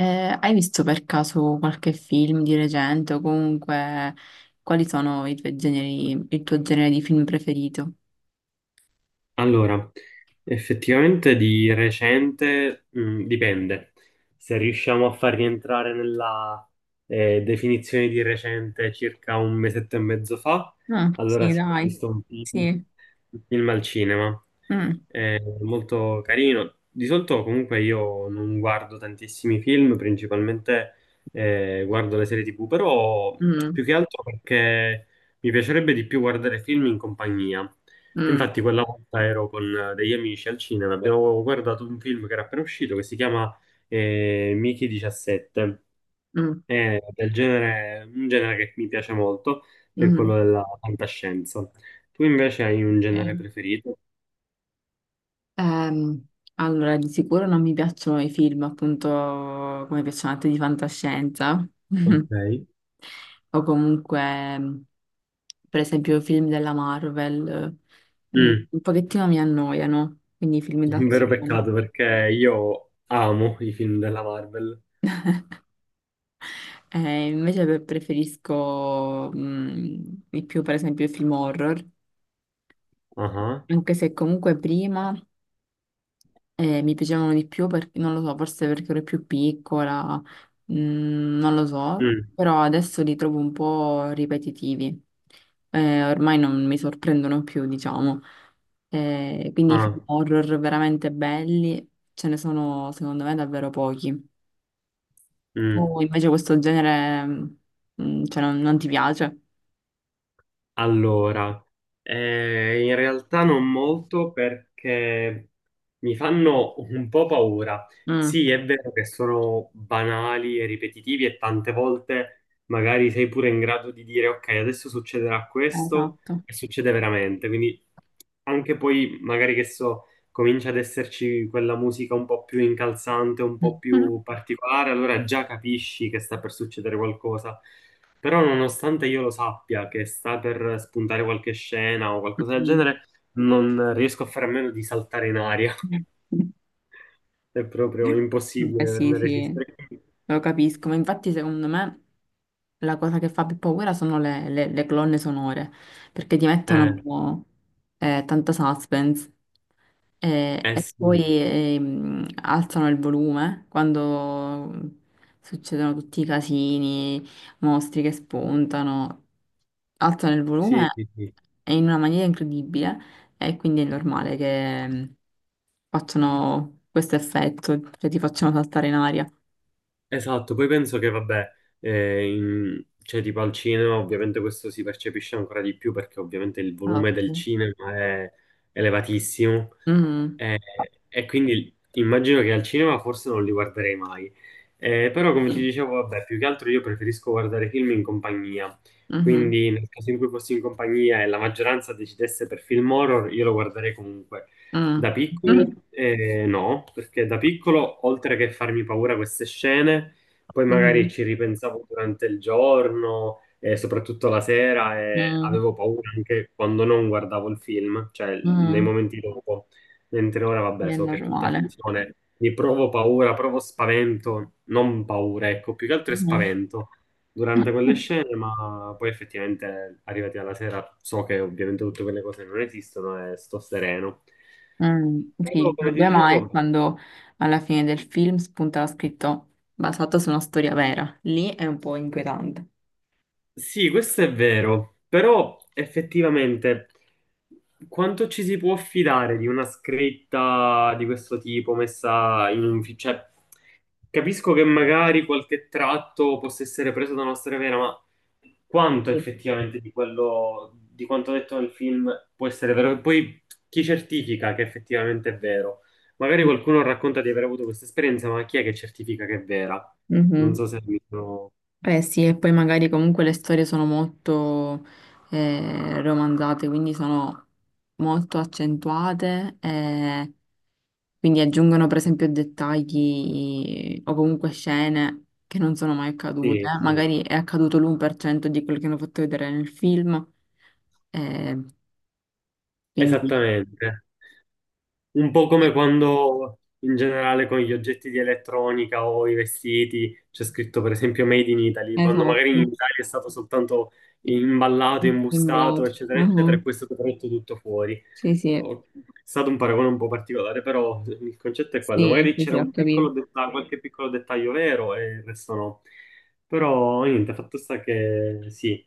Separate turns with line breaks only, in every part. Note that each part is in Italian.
Hai visto per caso qualche film di recente o comunque quali sono i tuoi generi, il tuo genere di film preferito?
Allora, effettivamente di recente, dipende. Se riusciamo a far rientrare nella definizione di recente circa un mesetto e mezzo fa,
Ah,
allora
sì,
sì, ho
dai,
visto un film
sì.
il film al cinema.
Mm,
È molto carino. Di solito comunque io non guardo tantissimi film, principalmente guardo le serie TV, però
mm,
più che altro perché mi piacerebbe di più guardare film in compagnia. E
mm,
infatti quella volta ero con degli amici al cinema, abbiamo guardato un film che era appena uscito che si chiama Mickey 17.
mm,
È del genere, un genere che mi piace molto, che è
mm.
quello della fantascienza. Tu invece hai un genere
Ok.
preferito?
Ehm, allora, di sicuro non mi piacciono i film, appunto, come piacciono a te di fantascienza
Ok.
o comunque, per esempio, i film della Marvel,
Mm,
un pochettino mi annoiano, quindi i film
un vero
d'azione.
peccato perché io amo i film della Marvel.
Invece preferisco di più, per esempio, i film horror,
Ah, ah.
anche se comunque prima mi piacevano di più perché, non lo so, forse perché ero più piccola, non lo so,
Mm,
però adesso li trovo un po' ripetitivi. Ormai non mi sorprendono più, diciamo. Quindi i film
ah,
horror veramente belli ce ne sono, secondo me, davvero pochi.
mm.
Tu invece questo genere, cioè, non ti piace?
Allora, in realtà non molto perché mi fanno un po' paura.
Mm.
Sì, è vero che sono banali e ripetitivi e tante volte magari sei pure in grado di dire ok, adesso succederà questo
Esatto.
e succede veramente. Quindi anche poi magari che so comincia ad esserci quella musica un po' più incalzante, un po' più particolare, allora già capisci che sta per succedere qualcosa. Però nonostante io lo sappia che sta per spuntare qualche scena o qualcosa del genere, non riesco a fare a meno di saltare in aria.
Mm.
È proprio
Beh,
impossibile per
sì,
me
sì,
resistere.
lo capisco, ma infatti secondo me la cosa che fa più paura sono le colonne sonore, perché ti
Eh,
mettono tanta suspense
eh
e poi
sì,
alzano il volume quando succedono tutti i casini, mostri che spuntano, alzano il
sì,
volume
sì, sì.
e in una maniera incredibile e quindi è normale che... facciano questo effetto, cioè ti facciano saltare in aria.
Esatto, poi penso che vabbè, cioè tipo al cinema ovviamente questo si percepisce ancora di più perché ovviamente il
Ah,
volume del
mm,
cinema è elevatissimo,
mm,
eh, e quindi immagino che al cinema forse non li guarderei mai. Però come ti dicevo, vabbè, più che altro io preferisco guardare film in compagnia,
mm,
quindi nel caso in cui fossi in compagnia e la maggioranza decidesse per film horror, io lo guarderei comunque. Da
mm,
piccolo,
mm,
no, perché da piccolo, oltre che farmi paura queste scene, poi magari
mm,
ci ripensavo durante il giorno e soprattutto la sera e
mm,
avevo paura anche quando non guardavo il film, cioè nei
mm.
momenti dopo. Mentre ora,
Sì,
vabbè,
è
so che è tutta
normale.
finzione, mi provo paura, provo spavento, non paura, ecco, più che altro è
Mm.
spavento durante quelle scene, ma poi effettivamente arrivati alla sera so che ovviamente tutte quelle cose non esistono e sto sereno.
Mm, sì,
Però,
il
come ti
problema è
dicevo,
quando alla fine del film spunta scritto basato su una storia vera. Lì è un po' inquietante.
sì, questo è vero, però effettivamente quanto ci si può fidare di una scritta di questo tipo messa in un... cioè, capisco che magari qualche tratto possa essere preso da una storia vera, ma quanto
Sì.
effettivamente di quello, di quanto detto nel film può essere vero? E poi chi certifica che effettivamente è vero? Magari qualcuno racconta di aver avuto questa esperienza, ma chi è che certifica che è vera? Non
Mhm.
so se mi sono...
Eh sì, e poi magari comunque le storie sono molto romanzate, quindi sono molto accentuate e quindi aggiungono per esempio dettagli o comunque scene che non sono mai accadute.
Sì, sì,
Magari è accaduto l'1% di quello che hanno fatto vedere nel film, eh, quindi.
esattamente. Un po' come quando in generale con gli oggetti di elettronica o i vestiti c'è scritto per esempio Made in Italy, quando magari in
Esatto,
Italia è stato soltanto imballato, imbustato,
sembrato.
eccetera, eccetera, e
Mhm.
poi è stato prodotto tutto fuori.
Sì, sì,
È stato un paragone un po' particolare, però il concetto è quello.
sì,
Magari
sì,
c'era
sì, ho
un piccolo
capito.
dettaglio, qualche piccolo dettaglio vero e il resto no. Però niente, fatto sta che sì,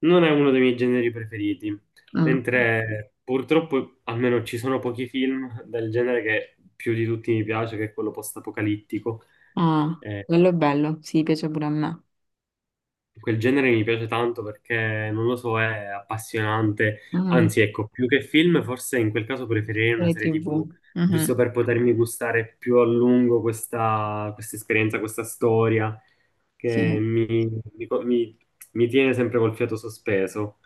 non è uno dei miei generi preferiti.
Mm.
Mentre purtroppo almeno ci sono pochi film del genere che più di tutti mi piace, che è quello post-apocalittico.
Ah,
Eh,
quello è bello, sì, piace pure a me.
quel genere mi piace tanto perché, non lo so, è appassionante.
Mm,
Anzi, ecco, più che film, forse in quel caso preferirei una
serie
serie
TV.
TV,
Mhm,
giusto per potermi gustare più a lungo questa esperienza, questa storia che
sì.
mi, mi mi tiene sempre col fiato sospeso.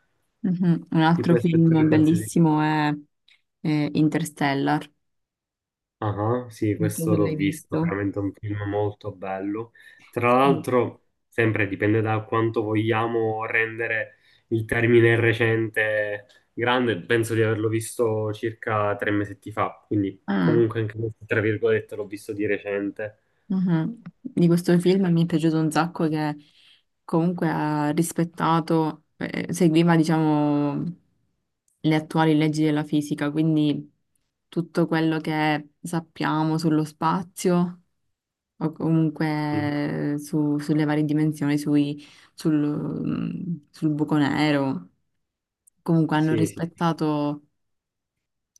Mhm. Un
Ti
altro
puoi
film
aspettare qualsiasi cosa.
bellissimo è, Interstellar.
Ah, sì,
Non so se
questo l'ho
l'hai
visto,
visto.
veramente un film molto bello. Tra
Sì.
l'altro, sempre dipende da quanto vogliamo rendere il termine recente grande, penso di averlo visto circa tre mesetti fa, quindi
Ah,
comunque anche questo, tra virgolette, l'ho visto di recente.
mhm. Di questo film mi è piaciuto un sacco che comunque ha rispettato, seguiva, diciamo, le attuali leggi della fisica, quindi tutto quello che sappiamo sullo spazio. O
Sì,
comunque sulle varie dimensioni, sul buco nero. Comunque hanno
sì, sì, sì.
rispettato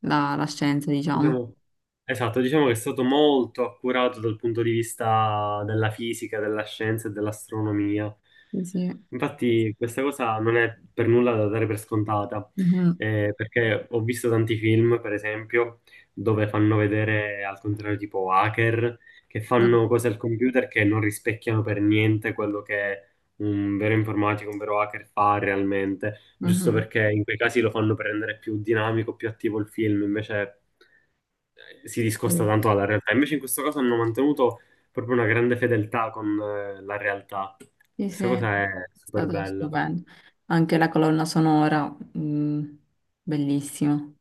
la scienza, diciamo.
Diciamo, esatto, diciamo che è stato molto accurato dal punto di vista della fisica, della scienza e dell'astronomia.
Sì, sì.
Infatti, questa cosa non è per nulla da dare per scontata,
Mhm.
perché ho visto tanti film, per esempio, dove fanno vedere al contrario tipo hacker, che
Mm.
fanno cose al computer che non rispecchiano per niente quello che un vero informatico, un vero hacker fa realmente giusto
Mhm.
perché in quei casi lo fanno per rendere più dinamico, più attivo il film, invece si discosta
Sì,
tanto dalla realtà. Invece in questo caso hanno mantenuto proprio una grande fedeltà con la realtà.
sì, sì.
Questa
È
cosa è super
stato
bella.
stupendo. Anche la colonna sonora, bellissima.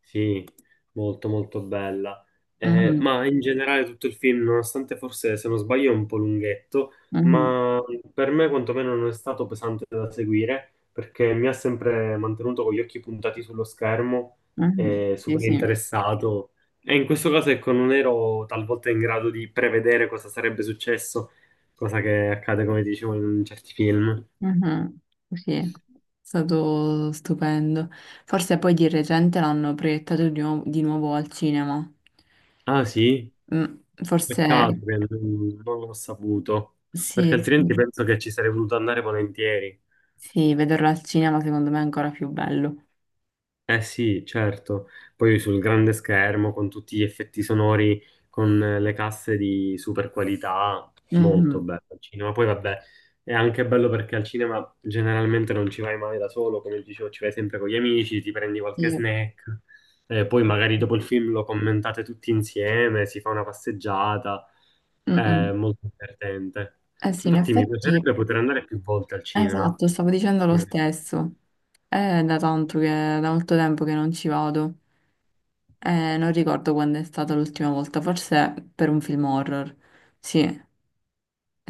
Sì, molto molto bella.
Mhm.
Ma in generale tutto il film, nonostante forse se non sbaglio è un po' lunghetto,
Mhm.
ma per me quantomeno non è stato pesante da seguire perché mi ha sempre mantenuto con gli occhi puntati sullo schermo,
Mhm. Sì,
super
sì.
interessato. E in questo caso, ecco, non ero talvolta in grado di prevedere cosa sarebbe successo, cosa che accade, come dicevo, in certi film.
Mhm, sì, è stato stupendo. Forse poi di recente l'hanno proiettato di nuovo al cinema.
Ah, sì?
Mm,
Peccato
forse
che non l'ho saputo, perché
sì, sì,
altrimenti penso che ci sarei voluto andare volentieri.
sì, vederlo al cinema secondo me è ancora più bello.
Eh sì, certo. Poi sul grande schermo, con tutti gli effetti sonori, con le casse di super qualità, molto
Mhm,
bello al cinema. Poi vabbè, è anche bello perché al cinema generalmente non ci vai mai da solo, come dicevo, ci vai sempre con gli amici, ti prendi qualche
sì.
snack, poi magari dopo il film lo commentate tutti insieme, si fa una passeggiata, è
Mm-mm.
molto divertente.
Eh sì, in
Infatti mi
effetti,
piacerebbe poter andare più volte al cinema.
esatto, stavo dicendo lo stesso. È da tanto che, da molto tempo che non ci vado. Non ricordo quando è stata l'ultima volta, forse per un film horror. Sì.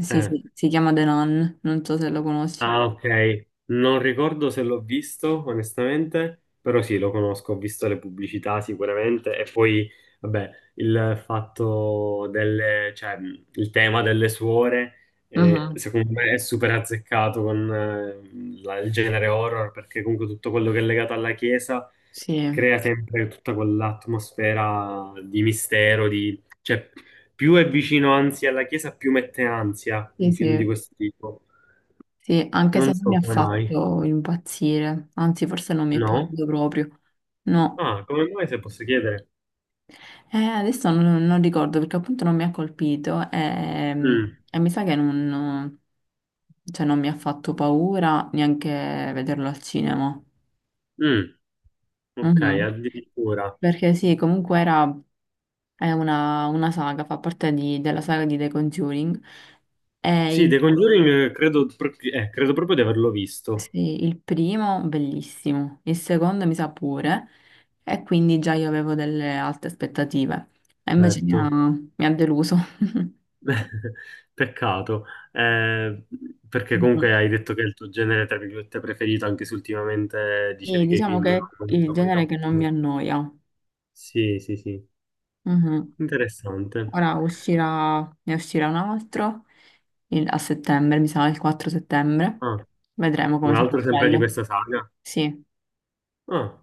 Sì,
Eh.
sì, si chiama The Nun, non so se lo conosci.
Ah, ok. Non ricordo se l'ho visto, onestamente, però sì, lo conosco, ho visto le pubblicità sicuramente e poi, vabbè, il fatto delle, cioè, il tema delle suore,
Mhm,
secondo me è super azzeccato con il genere horror, perché comunque tutto quello che è legato alla chiesa
sì,
crea sempre tutta quell'atmosfera di mistero, di... cioè, più è vicino anzi alla chiesa, più mette ansia
sì,
un film di
sì,
questo tipo.
sì, anche
Non
se non mi
so
ha
come mai.
fatto impazzire, anzi forse non mi è
No?
piaciuto proprio. No,
Ah, come mai se posso chiedere?
Adesso non ricordo perché appunto non mi ha colpito
Mm,
e, mi sa che non, no, cioè, non mi ha fatto paura neanche vederlo al cinema.
mm, ok,
Mhm.
addirittura.
Perché sì, comunque era, è una saga, fa parte della saga di The Conjuring.
Sì, The
E
Conjuring credo proprio di averlo visto,
sì, il primo bellissimo, il secondo mi sa pure, e quindi già io avevo delle alte aspettative, e invece mi ha,
certo.
mi ha deluso.
Peccato, eh, perché comunque
Mhm.
hai detto che è il tuo genere, tra virgolette, preferito, anche se ultimamente
Sì,
dicevi che i
diciamo
film
che è
hanno
il
una qualità
genere
un
che
po'
non mi
più...
annoia.
Sì, sì, sì,
Mhm.
interessante.
Ora uscirà, ne uscirà un altro a settembre, mi sa il 4 settembre.
Ah,
Vedremo come
un
sarà
altro sempre di
bello.
questa saga?
Sì,
Ah.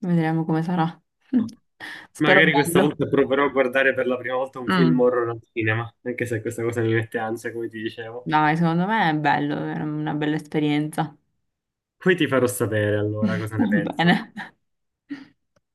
vedremo come sarà. Spero
Magari questa
bello.
volta proverò a guardare per la prima volta un film
Mm,
horror al cinema, anche se questa cosa mi mette ansia, come ti dicevo.
dai, secondo me è bello, è una bella esperienza.
Poi ti farò sapere allora cosa ne
Va bene.
penso.